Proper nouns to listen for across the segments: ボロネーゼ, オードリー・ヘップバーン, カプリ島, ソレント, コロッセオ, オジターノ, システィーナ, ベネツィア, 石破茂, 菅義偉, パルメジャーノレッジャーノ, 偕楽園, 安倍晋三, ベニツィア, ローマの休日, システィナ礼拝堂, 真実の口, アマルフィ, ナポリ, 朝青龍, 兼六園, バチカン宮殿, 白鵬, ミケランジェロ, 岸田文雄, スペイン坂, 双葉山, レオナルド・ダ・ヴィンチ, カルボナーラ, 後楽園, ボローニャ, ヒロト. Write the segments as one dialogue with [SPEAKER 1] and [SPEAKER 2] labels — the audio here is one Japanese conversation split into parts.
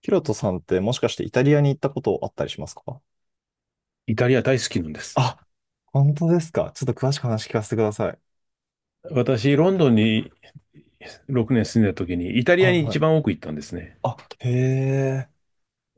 [SPEAKER 1] ヒロトさんってもしかしてイタリアに行ったことあったりしますか？
[SPEAKER 2] イタリア大好きなんです。
[SPEAKER 1] あ、本当ですか。ちょっと詳しく話聞かせてください。
[SPEAKER 2] 私、ロンドンに6年住んでた時に、イタリア
[SPEAKER 1] はい
[SPEAKER 2] に
[SPEAKER 1] は
[SPEAKER 2] 一番
[SPEAKER 1] い。
[SPEAKER 2] 多く行ったんですね。
[SPEAKER 1] あ、へえ。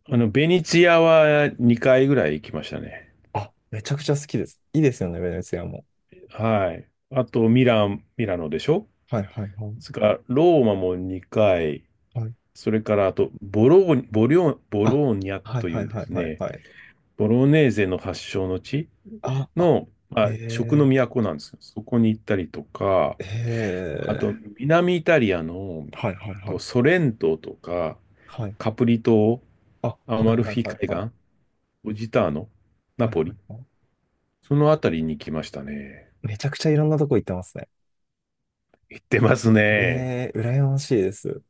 [SPEAKER 2] ベニツィアは2回ぐらい行きましたね。
[SPEAKER 1] あ、めちゃくちゃ好きです。いいですよね、ベネツィアも。
[SPEAKER 2] はい。あと、ミラノでしょ。
[SPEAKER 1] はいはいはい。
[SPEAKER 2] それから、ローマも2回。
[SPEAKER 1] はい。
[SPEAKER 2] それから、あと、ボ
[SPEAKER 1] あ、
[SPEAKER 2] ローニャ
[SPEAKER 1] はい
[SPEAKER 2] とい
[SPEAKER 1] はい
[SPEAKER 2] うで
[SPEAKER 1] はい
[SPEAKER 2] す
[SPEAKER 1] はい
[SPEAKER 2] ね、
[SPEAKER 1] はい。
[SPEAKER 2] ボロネーゼの発祥の地
[SPEAKER 1] あ、あ、
[SPEAKER 2] の、ま
[SPEAKER 1] へ
[SPEAKER 2] あ、食の
[SPEAKER 1] え。
[SPEAKER 2] 都なんですよ。そこに行ったりとか、
[SPEAKER 1] へ
[SPEAKER 2] あと、
[SPEAKER 1] え。
[SPEAKER 2] 南イタリアの
[SPEAKER 1] はいはいは
[SPEAKER 2] と
[SPEAKER 1] い。
[SPEAKER 2] ソレントとか、
[SPEAKER 1] はい。
[SPEAKER 2] カプリ島、
[SPEAKER 1] あ、は
[SPEAKER 2] ア
[SPEAKER 1] い
[SPEAKER 2] マル
[SPEAKER 1] は
[SPEAKER 2] フ
[SPEAKER 1] い
[SPEAKER 2] ィ
[SPEAKER 1] はい
[SPEAKER 2] 海
[SPEAKER 1] はい。
[SPEAKER 2] 岸、オジターノ、ナ
[SPEAKER 1] はい
[SPEAKER 2] ポ
[SPEAKER 1] は
[SPEAKER 2] リ、
[SPEAKER 1] いはい。
[SPEAKER 2] そのあたりに来ましたね。
[SPEAKER 1] めちゃくちゃいろんなとこ行ってますね。
[SPEAKER 2] 行ってますね。
[SPEAKER 1] ええ、羨ましいです。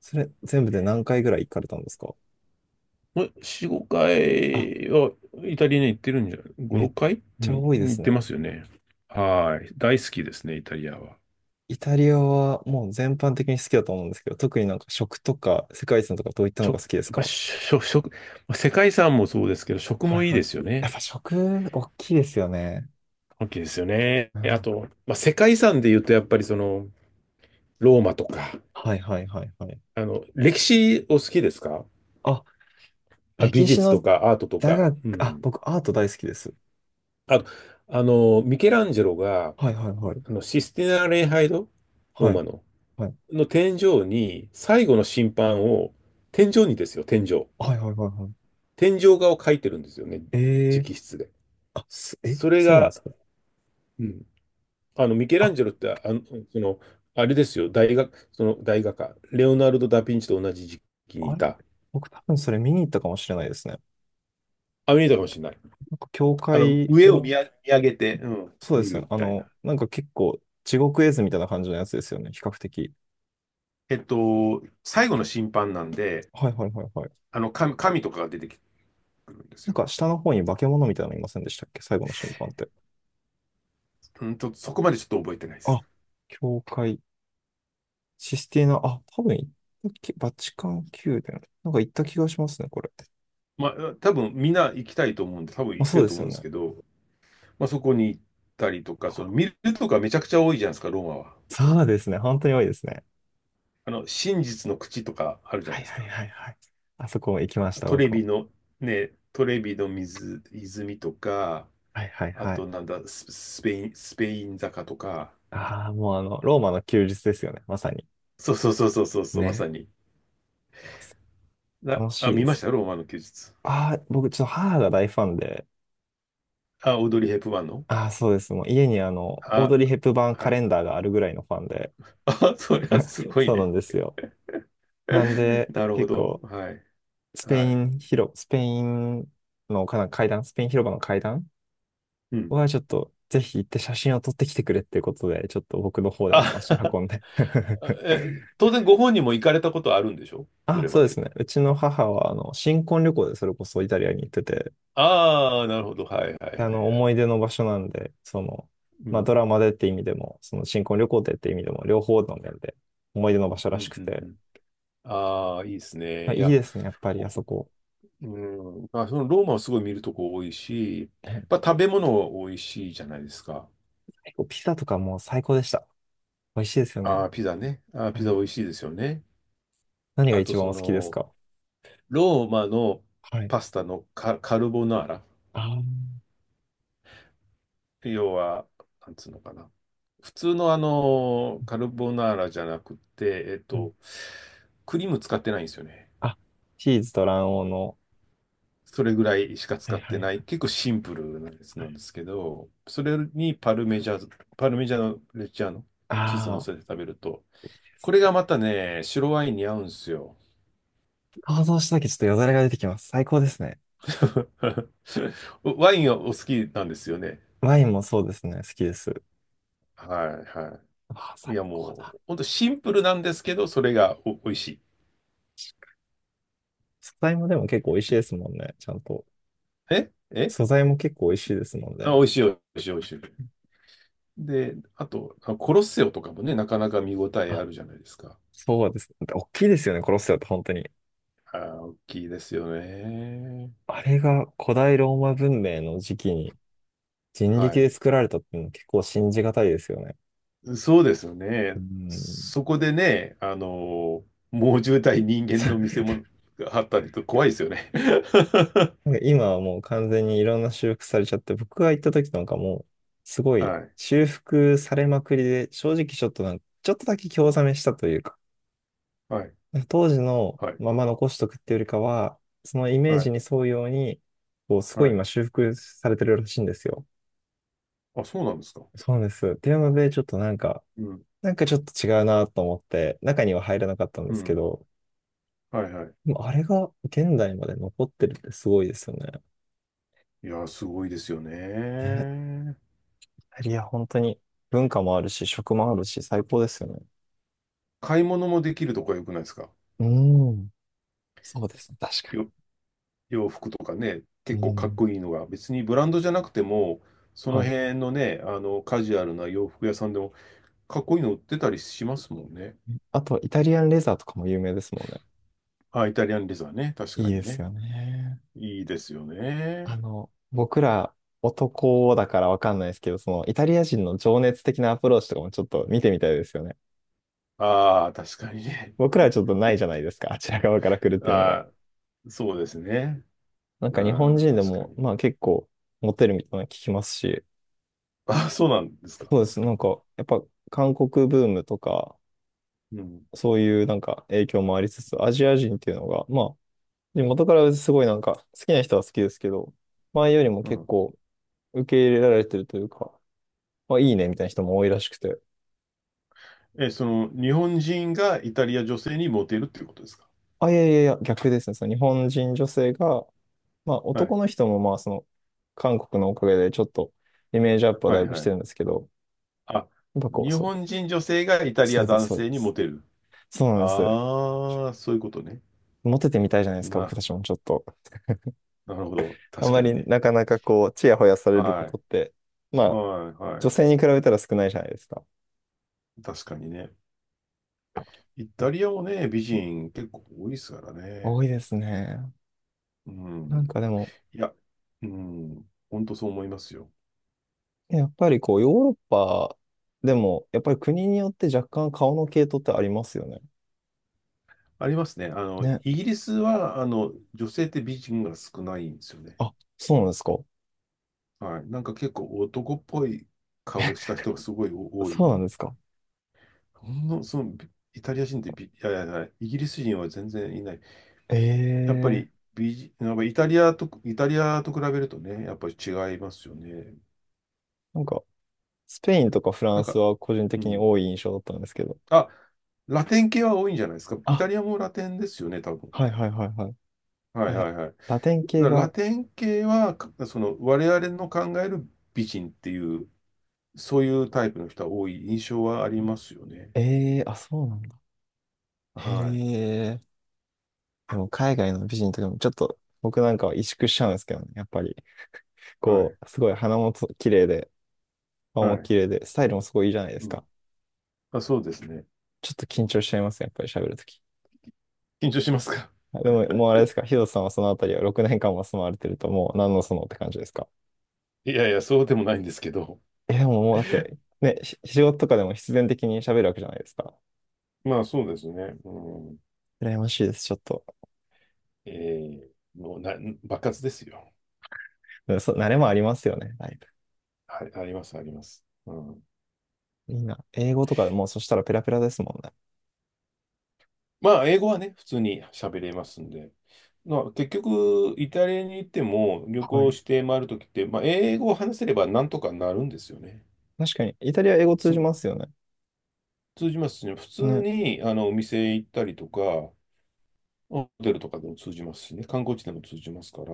[SPEAKER 1] それ、全部で何回ぐらい行かれたんですか？
[SPEAKER 2] 4、5
[SPEAKER 1] あ、
[SPEAKER 2] 回はイタリアに行ってるんじゃ、5、
[SPEAKER 1] め
[SPEAKER 2] 6
[SPEAKER 1] っ
[SPEAKER 2] 回、う
[SPEAKER 1] ちゃ
[SPEAKER 2] ん、
[SPEAKER 1] 多いで
[SPEAKER 2] 行っ
[SPEAKER 1] す
[SPEAKER 2] てま
[SPEAKER 1] ね。
[SPEAKER 2] すよね。はい。大好きですね、イタリアは。
[SPEAKER 1] イタリアはもう全般的に好きだと思うんですけど、特になんか食とか世界遺産とかどういったの
[SPEAKER 2] 食、
[SPEAKER 1] が好きです
[SPEAKER 2] やっぱ
[SPEAKER 1] か？
[SPEAKER 2] 食、食、世界遺産もそうですけど、食
[SPEAKER 1] は
[SPEAKER 2] も
[SPEAKER 1] い
[SPEAKER 2] いい
[SPEAKER 1] は
[SPEAKER 2] で
[SPEAKER 1] い。
[SPEAKER 2] すよ
[SPEAKER 1] やっ
[SPEAKER 2] ね。
[SPEAKER 1] ぱ食、大きいですよね。
[SPEAKER 2] 大きいですよね。
[SPEAKER 1] う
[SPEAKER 2] あ
[SPEAKER 1] ん。
[SPEAKER 2] と、まあ、世界遺産で言うと、やっぱりその、ローマとか、
[SPEAKER 1] はいはいはいはい。
[SPEAKER 2] 歴史お好きですか？
[SPEAKER 1] あ、
[SPEAKER 2] あ、美
[SPEAKER 1] 歴史
[SPEAKER 2] 術と
[SPEAKER 1] の
[SPEAKER 2] かアートと
[SPEAKER 1] 座
[SPEAKER 2] か。
[SPEAKER 1] 学、
[SPEAKER 2] う
[SPEAKER 1] あ、
[SPEAKER 2] ん。
[SPEAKER 1] 僕アート大好きです。
[SPEAKER 2] あと、ミケランジェロが、
[SPEAKER 1] はいはいはい。
[SPEAKER 2] システィナ礼拝堂、ロー
[SPEAKER 1] は
[SPEAKER 2] マ
[SPEAKER 1] い、
[SPEAKER 2] の、
[SPEAKER 1] はい。
[SPEAKER 2] の天井に、最後の審判を、天井にですよ、天井。
[SPEAKER 1] はいはいはいはい。
[SPEAKER 2] 天井画を描いてるんですよね、
[SPEAKER 1] ええー、
[SPEAKER 2] 直筆で。
[SPEAKER 1] あ、
[SPEAKER 2] それ
[SPEAKER 1] そうなんで
[SPEAKER 2] が、
[SPEAKER 1] すか？
[SPEAKER 2] うん、ミケランジェ
[SPEAKER 1] あ、
[SPEAKER 2] ロって、その、あれですよ、その大画家、レオナルド・ダ・ヴィンチと同じ時期に
[SPEAKER 1] あ
[SPEAKER 2] い
[SPEAKER 1] れ
[SPEAKER 2] た。
[SPEAKER 1] 僕多分それ見に行ったかもしれないですね。
[SPEAKER 2] あ、見えたかもしれない。
[SPEAKER 1] なんか教会
[SPEAKER 2] 上を
[SPEAKER 1] の、
[SPEAKER 2] 見上げて、うん、
[SPEAKER 1] そうで
[SPEAKER 2] 見
[SPEAKER 1] す
[SPEAKER 2] るみ
[SPEAKER 1] ね。あ
[SPEAKER 2] たいな。
[SPEAKER 1] の、なんか結構地獄絵図みたいな感じのやつですよね。比較的。
[SPEAKER 2] 最後の審判なんで、
[SPEAKER 1] はいはいはいはい。
[SPEAKER 2] 神とかが出てくるんです
[SPEAKER 1] なん
[SPEAKER 2] よ。
[SPEAKER 1] か下の方に化け物みたいなのいませんでしたっけ、最後の審判って。
[SPEAKER 2] うん、ちょっとそこまでちょっと覚えてないです。
[SPEAKER 1] あ、教会、システィーナ、あ、多分行ったき、バチカン宮殿。なんか行った気がしますね、これ。
[SPEAKER 2] まあ、多分みんな行きたいと思うんで、多分
[SPEAKER 1] ま
[SPEAKER 2] 行
[SPEAKER 1] あ、
[SPEAKER 2] って
[SPEAKER 1] そう
[SPEAKER 2] る
[SPEAKER 1] で
[SPEAKER 2] と
[SPEAKER 1] す
[SPEAKER 2] 思うん
[SPEAKER 1] よ
[SPEAKER 2] です
[SPEAKER 1] ね。
[SPEAKER 2] けど、まあ、そこに行ったりとか、その
[SPEAKER 1] あ、
[SPEAKER 2] 見るとかめちゃくちゃ多いじゃないですか、ローマは。
[SPEAKER 1] そうですね。本当に多いですね。
[SPEAKER 2] 真実の口とかあるじゃない
[SPEAKER 1] はい
[SPEAKER 2] です
[SPEAKER 1] はい
[SPEAKER 2] か。
[SPEAKER 1] はいはい。あそこ行きました、
[SPEAKER 2] トレ
[SPEAKER 1] 僕
[SPEAKER 2] ビ
[SPEAKER 1] も。
[SPEAKER 2] の、ね、トレビの水、泉とか、
[SPEAKER 1] はいはい
[SPEAKER 2] あ
[SPEAKER 1] はい。
[SPEAKER 2] となんだ、スペイン坂とか、
[SPEAKER 1] ああ、もうあの、ローマの休日ですよね、まさに。
[SPEAKER 2] そうそうそうそうそうそう、まさ
[SPEAKER 1] ね。
[SPEAKER 2] に。
[SPEAKER 1] 楽
[SPEAKER 2] あ、
[SPEAKER 1] しい
[SPEAKER 2] 見
[SPEAKER 1] で
[SPEAKER 2] まし
[SPEAKER 1] す。
[SPEAKER 2] たよローマの休日。
[SPEAKER 1] ああ、僕ちょっと母が大ファンで、
[SPEAKER 2] あ、オードリー・ヘップバーンの。
[SPEAKER 1] ああ、そうです。もう家にあの、オー
[SPEAKER 2] あ、
[SPEAKER 1] ドリー・ヘップバーン
[SPEAKER 2] は
[SPEAKER 1] カレ
[SPEAKER 2] い。
[SPEAKER 1] ンダーがあるぐらいのファンで、
[SPEAKER 2] あ、それはすごい
[SPEAKER 1] そうな
[SPEAKER 2] ね。
[SPEAKER 1] んですよ。なん で、
[SPEAKER 2] なるほ
[SPEAKER 1] 結
[SPEAKER 2] ど。
[SPEAKER 1] 構、
[SPEAKER 2] はい。
[SPEAKER 1] スペ
[SPEAKER 2] は
[SPEAKER 1] イ
[SPEAKER 2] い。
[SPEAKER 1] ン広、スペインのかな階段、スペイン広場の階段
[SPEAKER 2] うん。
[SPEAKER 1] はちょっと、ぜひ行って写真を撮ってきてくれっていうことで、ちょっと僕の方でも
[SPEAKER 2] あ、
[SPEAKER 1] 足運んで
[SPEAKER 2] え、当然ご本人も行かれたことあるんでしょ、そ
[SPEAKER 1] あ、
[SPEAKER 2] れ
[SPEAKER 1] そ
[SPEAKER 2] ま
[SPEAKER 1] うで
[SPEAKER 2] でに？
[SPEAKER 1] すね。うちの母は、あの、新婚旅行でそれこそイタリアに行ってて、
[SPEAKER 2] ああ、なるほど。はいはいはい
[SPEAKER 1] あの、
[SPEAKER 2] は
[SPEAKER 1] 思
[SPEAKER 2] い。
[SPEAKER 1] い出の場所なんで、その、
[SPEAKER 2] う
[SPEAKER 1] まあ、
[SPEAKER 2] ん。
[SPEAKER 1] ドラマでって意味でも、その新婚旅行でって意味でも、両方の面で思い出の場所
[SPEAKER 2] う
[SPEAKER 1] らし
[SPEAKER 2] ん
[SPEAKER 1] く
[SPEAKER 2] うん
[SPEAKER 1] て、
[SPEAKER 2] うん。ああ、いいです
[SPEAKER 1] まあ、
[SPEAKER 2] ね。い
[SPEAKER 1] いい
[SPEAKER 2] や、
[SPEAKER 1] ですね、やっぱり
[SPEAKER 2] ほ
[SPEAKER 1] あそこ。
[SPEAKER 2] うん。まあ、そのローマはすごい見るとこ多いし、ま
[SPEAKER 1] ね。
[SPEAKER 2] あ、食べ物多いしいじゃないですか。
[SPEAKER 1] 結構ピザとかも最高でした。美味しいですよ
[SPEAKER 2] あ
[SPEAKER 1] ね。
[SPEAKER 2] あ、ピザね。ああ、ピ
[SPEAKER 1] は
[SPEAKER 2] ザ
[SPEAKER 1] い。
[SPEAKER 2] 美味しいですよね。
[SPEAKER 1] 何が
[SPEAKER 2] あと、
[SPEAKER 1] 一番
[SPEAKER 2] そ
[SPEAKER 1] お好きです
[SPEAKER 2] の、
[SPEAKER 1] か？
[SPEAKER 2] ローマの
[SPEAKER 1] はい。
[SPEAKER 2] パスタのカルボナーラ。
[SPEAKER 1] あー、
[SPEAKER 2] 要は、なんつうのかな。普通のカルボナーラじゃなくて、
[SPEAKER 1] はい。
[SPEAKER 2] クリーム使ってないんですよね。
[SPEAKER 1] あ、チーズと卵黄の。
[SPEAKER 2] それぐらいしか
[SPEAKER 1] は
[SPEAKER 2] 使
[SPEAKER 1] い
[SPEAKER 2] っ
[SPEAKER 1] は
[SPEAKER 2] て
[SPEAKER 1] い
[SPEAKER 2] ない、
[SPEAKER 1] はい
[SPEAKER 2] 結構シンプルなやつ
[SPEAKER 1] は
[SPEAKER 2] な
[SPEAKER 1] い。
[SPEAKER 2] んですけど、それにパルメジャーノレッジャーノ、
[SPEAKER 1] あ
[SPEAKER 2] チーズを乗
[SPEAKER 1] あ、
[SPEAKER 2] せて食べると、
[SPEAKER 1] いいです
[SPEAKER 2] こ
[SPEAKER 1] ね。
[SPEAKER 2] れがまたね、白ワインに合うんですよ。
[SPEAKER 1] 想像しただけちょっとよだれが出てきます。最高ですね。
[SPEAKER 2] ワインはお好きなんですよね。
[SPEAKER 1] ワインもそうですね。好きです。
[SPEAKER 2] はいは
[SPEAKER 1] ああ、
[SPEAKER 2] い。い
[SPEAKER 1] 最
[SPEAKER 2] や、
[SPEAKER 1] 高
[SPEAKER 2] も
[SPEAKER 1] だ。
[SPEAKER 2] う、ほんとシンプルなんですけど、それが美味しい。
[SPEAKER 1] 素材もでも結構美味しいですもんね。ちゃんと。
[SPEAKER 2] ええ
[SPEAKER 1] 素材も結構美味しいですもん
[SPEAKER 2] 美
[SPEAKER 1] ね。
[SPEAKER 2] 味しい、美味しい、美味しい。で、あと、コロッセオとかもね、なかなか見応えあ
[SPEAKER 1] あ、
[SPEAKER 2] るじゃないですか。
[SPEAKER 1] そうです。大きいですよね、コロッセオって本当に。
[SPEAKER 2] 大きいですよね。
[SPEAKER 1] あれが古代ローマ文明の時期に人
[SPEAKER 2] は
[SPEAKER 1] 力
[SPEAKER 2] い。
[SPEAKER 1] で作られたっていうの結構信じがたいですよね。
[SPEAKER 2] そうですよ
[SPEAKER 1] う
[SPEAKER 2] ね。
[SPEAKER 1] ん。
[SPEAKER 2] そこでね、猛獣対人間の見 せ物があったりと怖いですよね。
[SPEAKER 1] なんか今はもう完全にいろんな修復されちゃって、僕が行った時なんかもう、すご
[SPEAKER 2] は
[SPEAKER 1] い
[SPEAKER 2] い、
[SPEAKER 1] 修復されまくりで、正直ちょっとなんか、ちょっとだけ興ざめしたというか、
[SPEAKER 2] はい、
[SPEAKER 1] 当時の
[SPEAKER 2] はい、
[SPEAKER 1] まま残しとくっていうよりかは、そのイ
[SPEAKER 2] は
[SPEAKER 1] メージ
[SPEAKER 2] い、
[SPEAKER 1] に沿うように、こう、すご
[SPEAKER 2] は
[SPEAKER 1] い
[SPEAKER 2] い。
[SPEAKER 1] 今修復されてるらしいんですよ。
[SPEAKER 2] あ、そうなんですか。
[SPEAKER 1] そうです。っていうので、ちょっとなんか、
[SPEAKER 2] うん、
[SPEAKER 1] なんかちょっと違うなと思って、中には入らなかったん
[SPEAKER 2] う
[SPEAKER 1] ですけ
[SPEAKER 2] ん。
[SPEAKER 1] ど、
[SPEAKER 2] はい、はい。
[SPEAKER 1] でもあれが現代まで残ってるってすごいですよね。
[SPEAKER 2] いやー、すごいですよ
[SPEAKER 1] ね。
[SPEAKER 2] ね。
[SPEAKER 1] イタリア本当に文化もあるし、食もあるし、最高ですよね。
[SPEAKER 2] 買い物もできるとこが良くないですか？
[SPEAKER 1] うん。そうですね。確か
[SPEAKER 2] よ、洋服とかね、
[SPEAKER 1] に。
[SPEAKER 2] 結
[SPEAKER 1] う
[SPEAKER 2] 構かっ
[SPEAKER 1] ん。
[SPEAKER 2] こいいのが、別にブランドじゃなくても、その
[SPEAKER 1] はい。
[SPEAKER 2] 辺のね、カジュアルな洋服屋さんでも、かっこいいの売ってたりしますもんね。
[SPEAKER 1] あと、イタリアンレザーとかも有名ですもんね。
[SPEAKER 2] あ、イタリアンレザーね、確
[SPEAKER 1] い
[SPEAKER 2] か
[SPEAKER 1] い
[SPEAKER 2] に
[SPEAKER 1] です
[SPEAKER 2] ね。
[SPEAKER 1] よね。
[SPEAKER 2] いいですよ
[SPEAKER 1] あ
[SPEAKER 2] ね。
[SPEAKER 1] の、僕ら男だからわかんないですけど、そのイタリア人の情熱的なアプローチとかもちょっと見てみたいですよね。
[SPEAKER 2] ああ、確かにね。
[SPEAKER 1] 僕らはちょっとないじゃないですか、あちら側から来るっていうのが。
[SPEAKER 2] ああ、そうですね。
[SPEAKER 1] なん
[SPEAKER 2] う
[SPEAKER 1] か日本
[SPEAKER 2] ん、
[SPEAKER 1] 人で
[SPEAKER 2] 確か
[SPEAKER 1] も、
[SPEAKER 2] に。
[SPEAKER 1] まあ結構モテるみたいなの聞きますし、
[SPEAKER 2] ああ、そうなんですか。
[SPEAKER 1] そうです。なんか、やっぱ韓国ブームとか、
[SPEAKER 2] うん、
[SPEAKER 1] そういうなんか影響もありつつ、アジア人っていうのが、まあ、で元からすごいなんか好きな人は好きですけど、前よりも
[SPEAKER 2] う
[SPEAKER 1] 結
[SPEAKER 2] ん。
[SPEAKER 1] 構受け入れられてるというか、まあいいねみたいな人も多いらしくて。
[SPEAKER 2] え、その、日本人がイタリア女性にモテるっていうことですか？
[SPEAKER 1] あ、いやいやいや、逆ですね。その日本人女性が、まあ
[SPEAKER 2] はい、
[SPEAKER 1] 男の人もまあその韓国のおかげでちょっとイメージアップは
[SPEAKER 2] は
[SPEAKER 1] だい
[SPEAKER 2] い、
[SPEAKER 1] ぶし
[SPEAKER 2] は
[SPEAKER 1] て
[SPEAKER 2] い。
[SPEAKER 1] るんですけど、
[SPEAKER 2] あ、
[SPEAKER 1] やっぱこ
[SPEAKER 2] 日
[SPEAKER 1] う、そう、
[SPEAKER 2] 本人女性がイタリア
[SPEAKER 1] そうです
[SPEAKER 2] 男
[SPEAKER 1] そうで
[SPEAKER 2] 性にモ
[SPEAKER 1] す。
[SPEAKER 2] テる。
[SPEAKER 1] そうなんです。
[SPEAKER 2] ああ、そういうことね。
[SPEAKER 1] モテてみたいじゃないですか、僕
[SPEAKER 2] な、
[SPEAKER 1] たちもちょっと。
[SPEAKER 2] なるほど。
[SPEAKER 1] あ
[SPEAKER 2] 確
[SPEAKER 1] ま
[SPEAKER 2] かに
[SPEAKER 1] り
[SPEAKER 2] ね。
[SPEAKER 1] なかなかこう、ちやほやされるこ
[SPEAKER 2] はい。
[SPEAKER 1] とって、まあ、
[SPEAKER 2] はい、
[SPEAKER 1] 女
[SPEAKER 2] は
[SPEAKER 1] 性に比べたら少ないじゃないですか。
[SPEAKER 2] い。確かにね。イタリアもね、美人結構多いですからね。
[SPEAKER 1] 多いですね。
[SPEAKER 2] う
[SPEAKER 1] なん
[SPEAKER 2] ん。
[SPEAKER 1] かでも、
[SPEAKER 2] いや、うん。本当そう思いますよ。
[SPEAKER 1] ね、やっぱりこう、ヨーロッパでも、やっぱり国によって若干顔の系統ってありますよね。
[SPEAKER 2] ありますね。
[SPEAKER 1] ね。
[SPEAKER 2] イギリスは、女性って美人が少ないんですよね。
[SPEAKER 1] あ、そうなんですか。
[SPEAKER 2] はい。なんか結構男っぽい顔した人がすごい多
[SPEAKER 1] そうな
[SPEAKER 2] い。
[SPEAKER 1] んですか。
[SPEAKER 2] ほんの、その、ビイタリア人ってビいやいやいや、イギリス人は全然いない。やっぱ
[SPEAKER 1] え
[SPEAKER 2] り、
[SPEAKER 1] え、
[SPEAKER 2] ビジやっぱイタリアと、イタリアと比べるとね、やっぱり違いますよね。
[SPEAKER 1] なんか、スペインとかフラ
[SPEAKER 2] なん
[SPEAKER 1] ン
[SPEAKER 2] か、
[SPEAKER 1] スは個人
[SPEAKER 2] う
[SPEAKER 1] 的に
[SPEAKER 2] ん。
[SPEAKER 1] 多い印象だったんですけど。
[SPEAKER 2] あ、ラテン系は多いんじゃないですか。イタ
[SPEAKER 1] あ、
[SPEAKER 2] リアもラテンですよね、多分。
[SPEAKER 1] はいはいはいはい。
[SPEAKER 2] はい
[SPEAKER 1] は
[SPEAKER 2] は
[SPEAKER 1] い、
[SPEAKER 2] いはい。だ
[SPEAKER 1] ラテン系
[SPEAKER 2] からラ
[SPEAKER 1] が、
[SPEAKER 2] テン系は、かその、我々の考える美人っていう、そういうタイプの人は多い印象はありますよね。
[SPEAKER 1] ええ、あ、そうなんだ。へ
[SPEAKER 2] は
[SPEAKER 1] え。でも海外の美人とかもちょっと僕なんかは萎縮しちゃうんですけどね。やっぱり。
[SPEAKER 2] い、は
[SPEAKER 1] こ
[SPEAKER 2] い、
[SPEAKER 1] うすごい鼻もと綺麗で、顔
[SPEAKER 2] は
[SPEAKER 1] も
[SPEAKER 2] い。
[SPEAKER 1] 綺麗で、スタイルもすごいいいじゃないで
[SPEAKER 2] う
[SPEAKER 1] す
[SPEAKER 2] ん。
[SPEAKER 1] か。
[SPEAKER 2] あ、そうですね。
[SPEAKER 1] ちょっと緊張しちゃいますね、やっぱり喋るとき。
[SPEAKER 2] 緊張しますか？
[SPEAKER 1] でも、もうあれですか、ヒロさんはそのあたりは6年間も住まわれてると、もう何のそのって感じですか。
[SPEAKER 2] いやいや、そうでもないんですけど。
[SPEAKER 1] え、でももうだっ て、ね、仕事とかでも必然的に喋るわけじゃないですか。
[SPEAKER 2] まあそうですね。うん、
[SPEAKER 1] 羨ましいです、ちょっと。
[SPEAKER 2] えーもう爆発ですよ。
[SPEAKER 1] うんそう、慣れもありますよね、だい
[SPEAKER 2] はい、あります、あります。うん、
[SPEAKER 1] ぶ。いいな。英語とかもうそしたらペラペラですもんね。
[SPEAKER 2] まあ、英語はね、普通に喋れますんで。まあ、結局、イタリアに行っても、旅
[SPEAKER 1] は
[SPEAKER 2] 行
[SPEAKER 1] い。
[SPEAKER 2] して回るときって、まあ、英語を話せればなんとかなるんですよね。
[SPEAKER 1] 確かに、イタリア英語
[SPEAKER 2] つ
[SPEAKER 1] 通じ
[SPEAKER 2] ま、
[SPEAKER 1] ますよね。
[SPEAKER 2] 通じますしね、普通
[SPEAKER 1] ね。
[SPEAKER 2] にお店行ったりとか、ホテルとかでも通じますしね、観光地でも通じますから、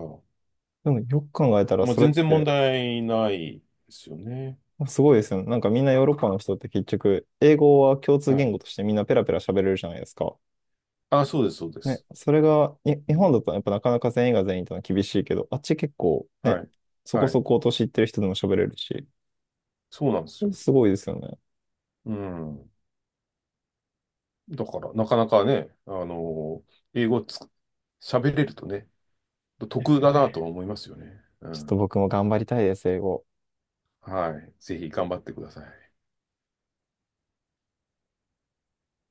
[SPEAKER 1] でもよく考えたら、
[SPEAKER 2] まあ、
[SPEAKER 1] それ
[SPEAKER 2] 全
[SPEAKER 1] っ
[SPEAKER 2] 然問
[SPEAKER 1] て
[SPEAKER 2] 題ないですよね。
[SPEAKER 1] すごいですよね。なんかみんなヨーロッパの人って結局、英語は共通
[SPEAKER 2] は
[SPEAKER 1] 言
[SPEAKER 2] い。
[SPEAKER 1] 語としてみんなペラペラ喋れるじゃないですか。
[SPEAKER 2] あ、そうです、そうで
[SPEAKER 1] ね、
[SPEAKER 2] す。
[SPEAKER 1] それが、日
[SPEAKER 2] う
[SPEAKER 1] 本
[SPEAKER 2] ん
[SPEAKER 1] だとやっぱなかなか全員が全員ってのは厳しいけど、あっち結構ね、
[SPEAKER 2] はい。
[SPEAKER 1] そ
[SPEAKER 2] は
[SPEAKER 1] こ
[SPEAKER 2] い。
[SPEAKER 1] そこ年いってる人でも喋れるし、
[SPEAKER 2] そうなんですよ。
[SPEAKER 1] すごいですよね。
[SPEAKER 2] うん。だから、なかなかね、英語喋れるとね、
[SPEAKER 1] で
[SPEAKER 2] 得
[SPEAKER 1] すよ
[SPEAKER 2] だな
[SPEAKER 1] ね。
[SPEAKER 2] とは思いますよね。う
[SPEAKER 1] ちょっと
[SPEAKER 2] ん。
[SPEAKER 1] 僕も頑張りたいです、英語。
[SPEAKER 2] はい。ぜひ頑張ってください。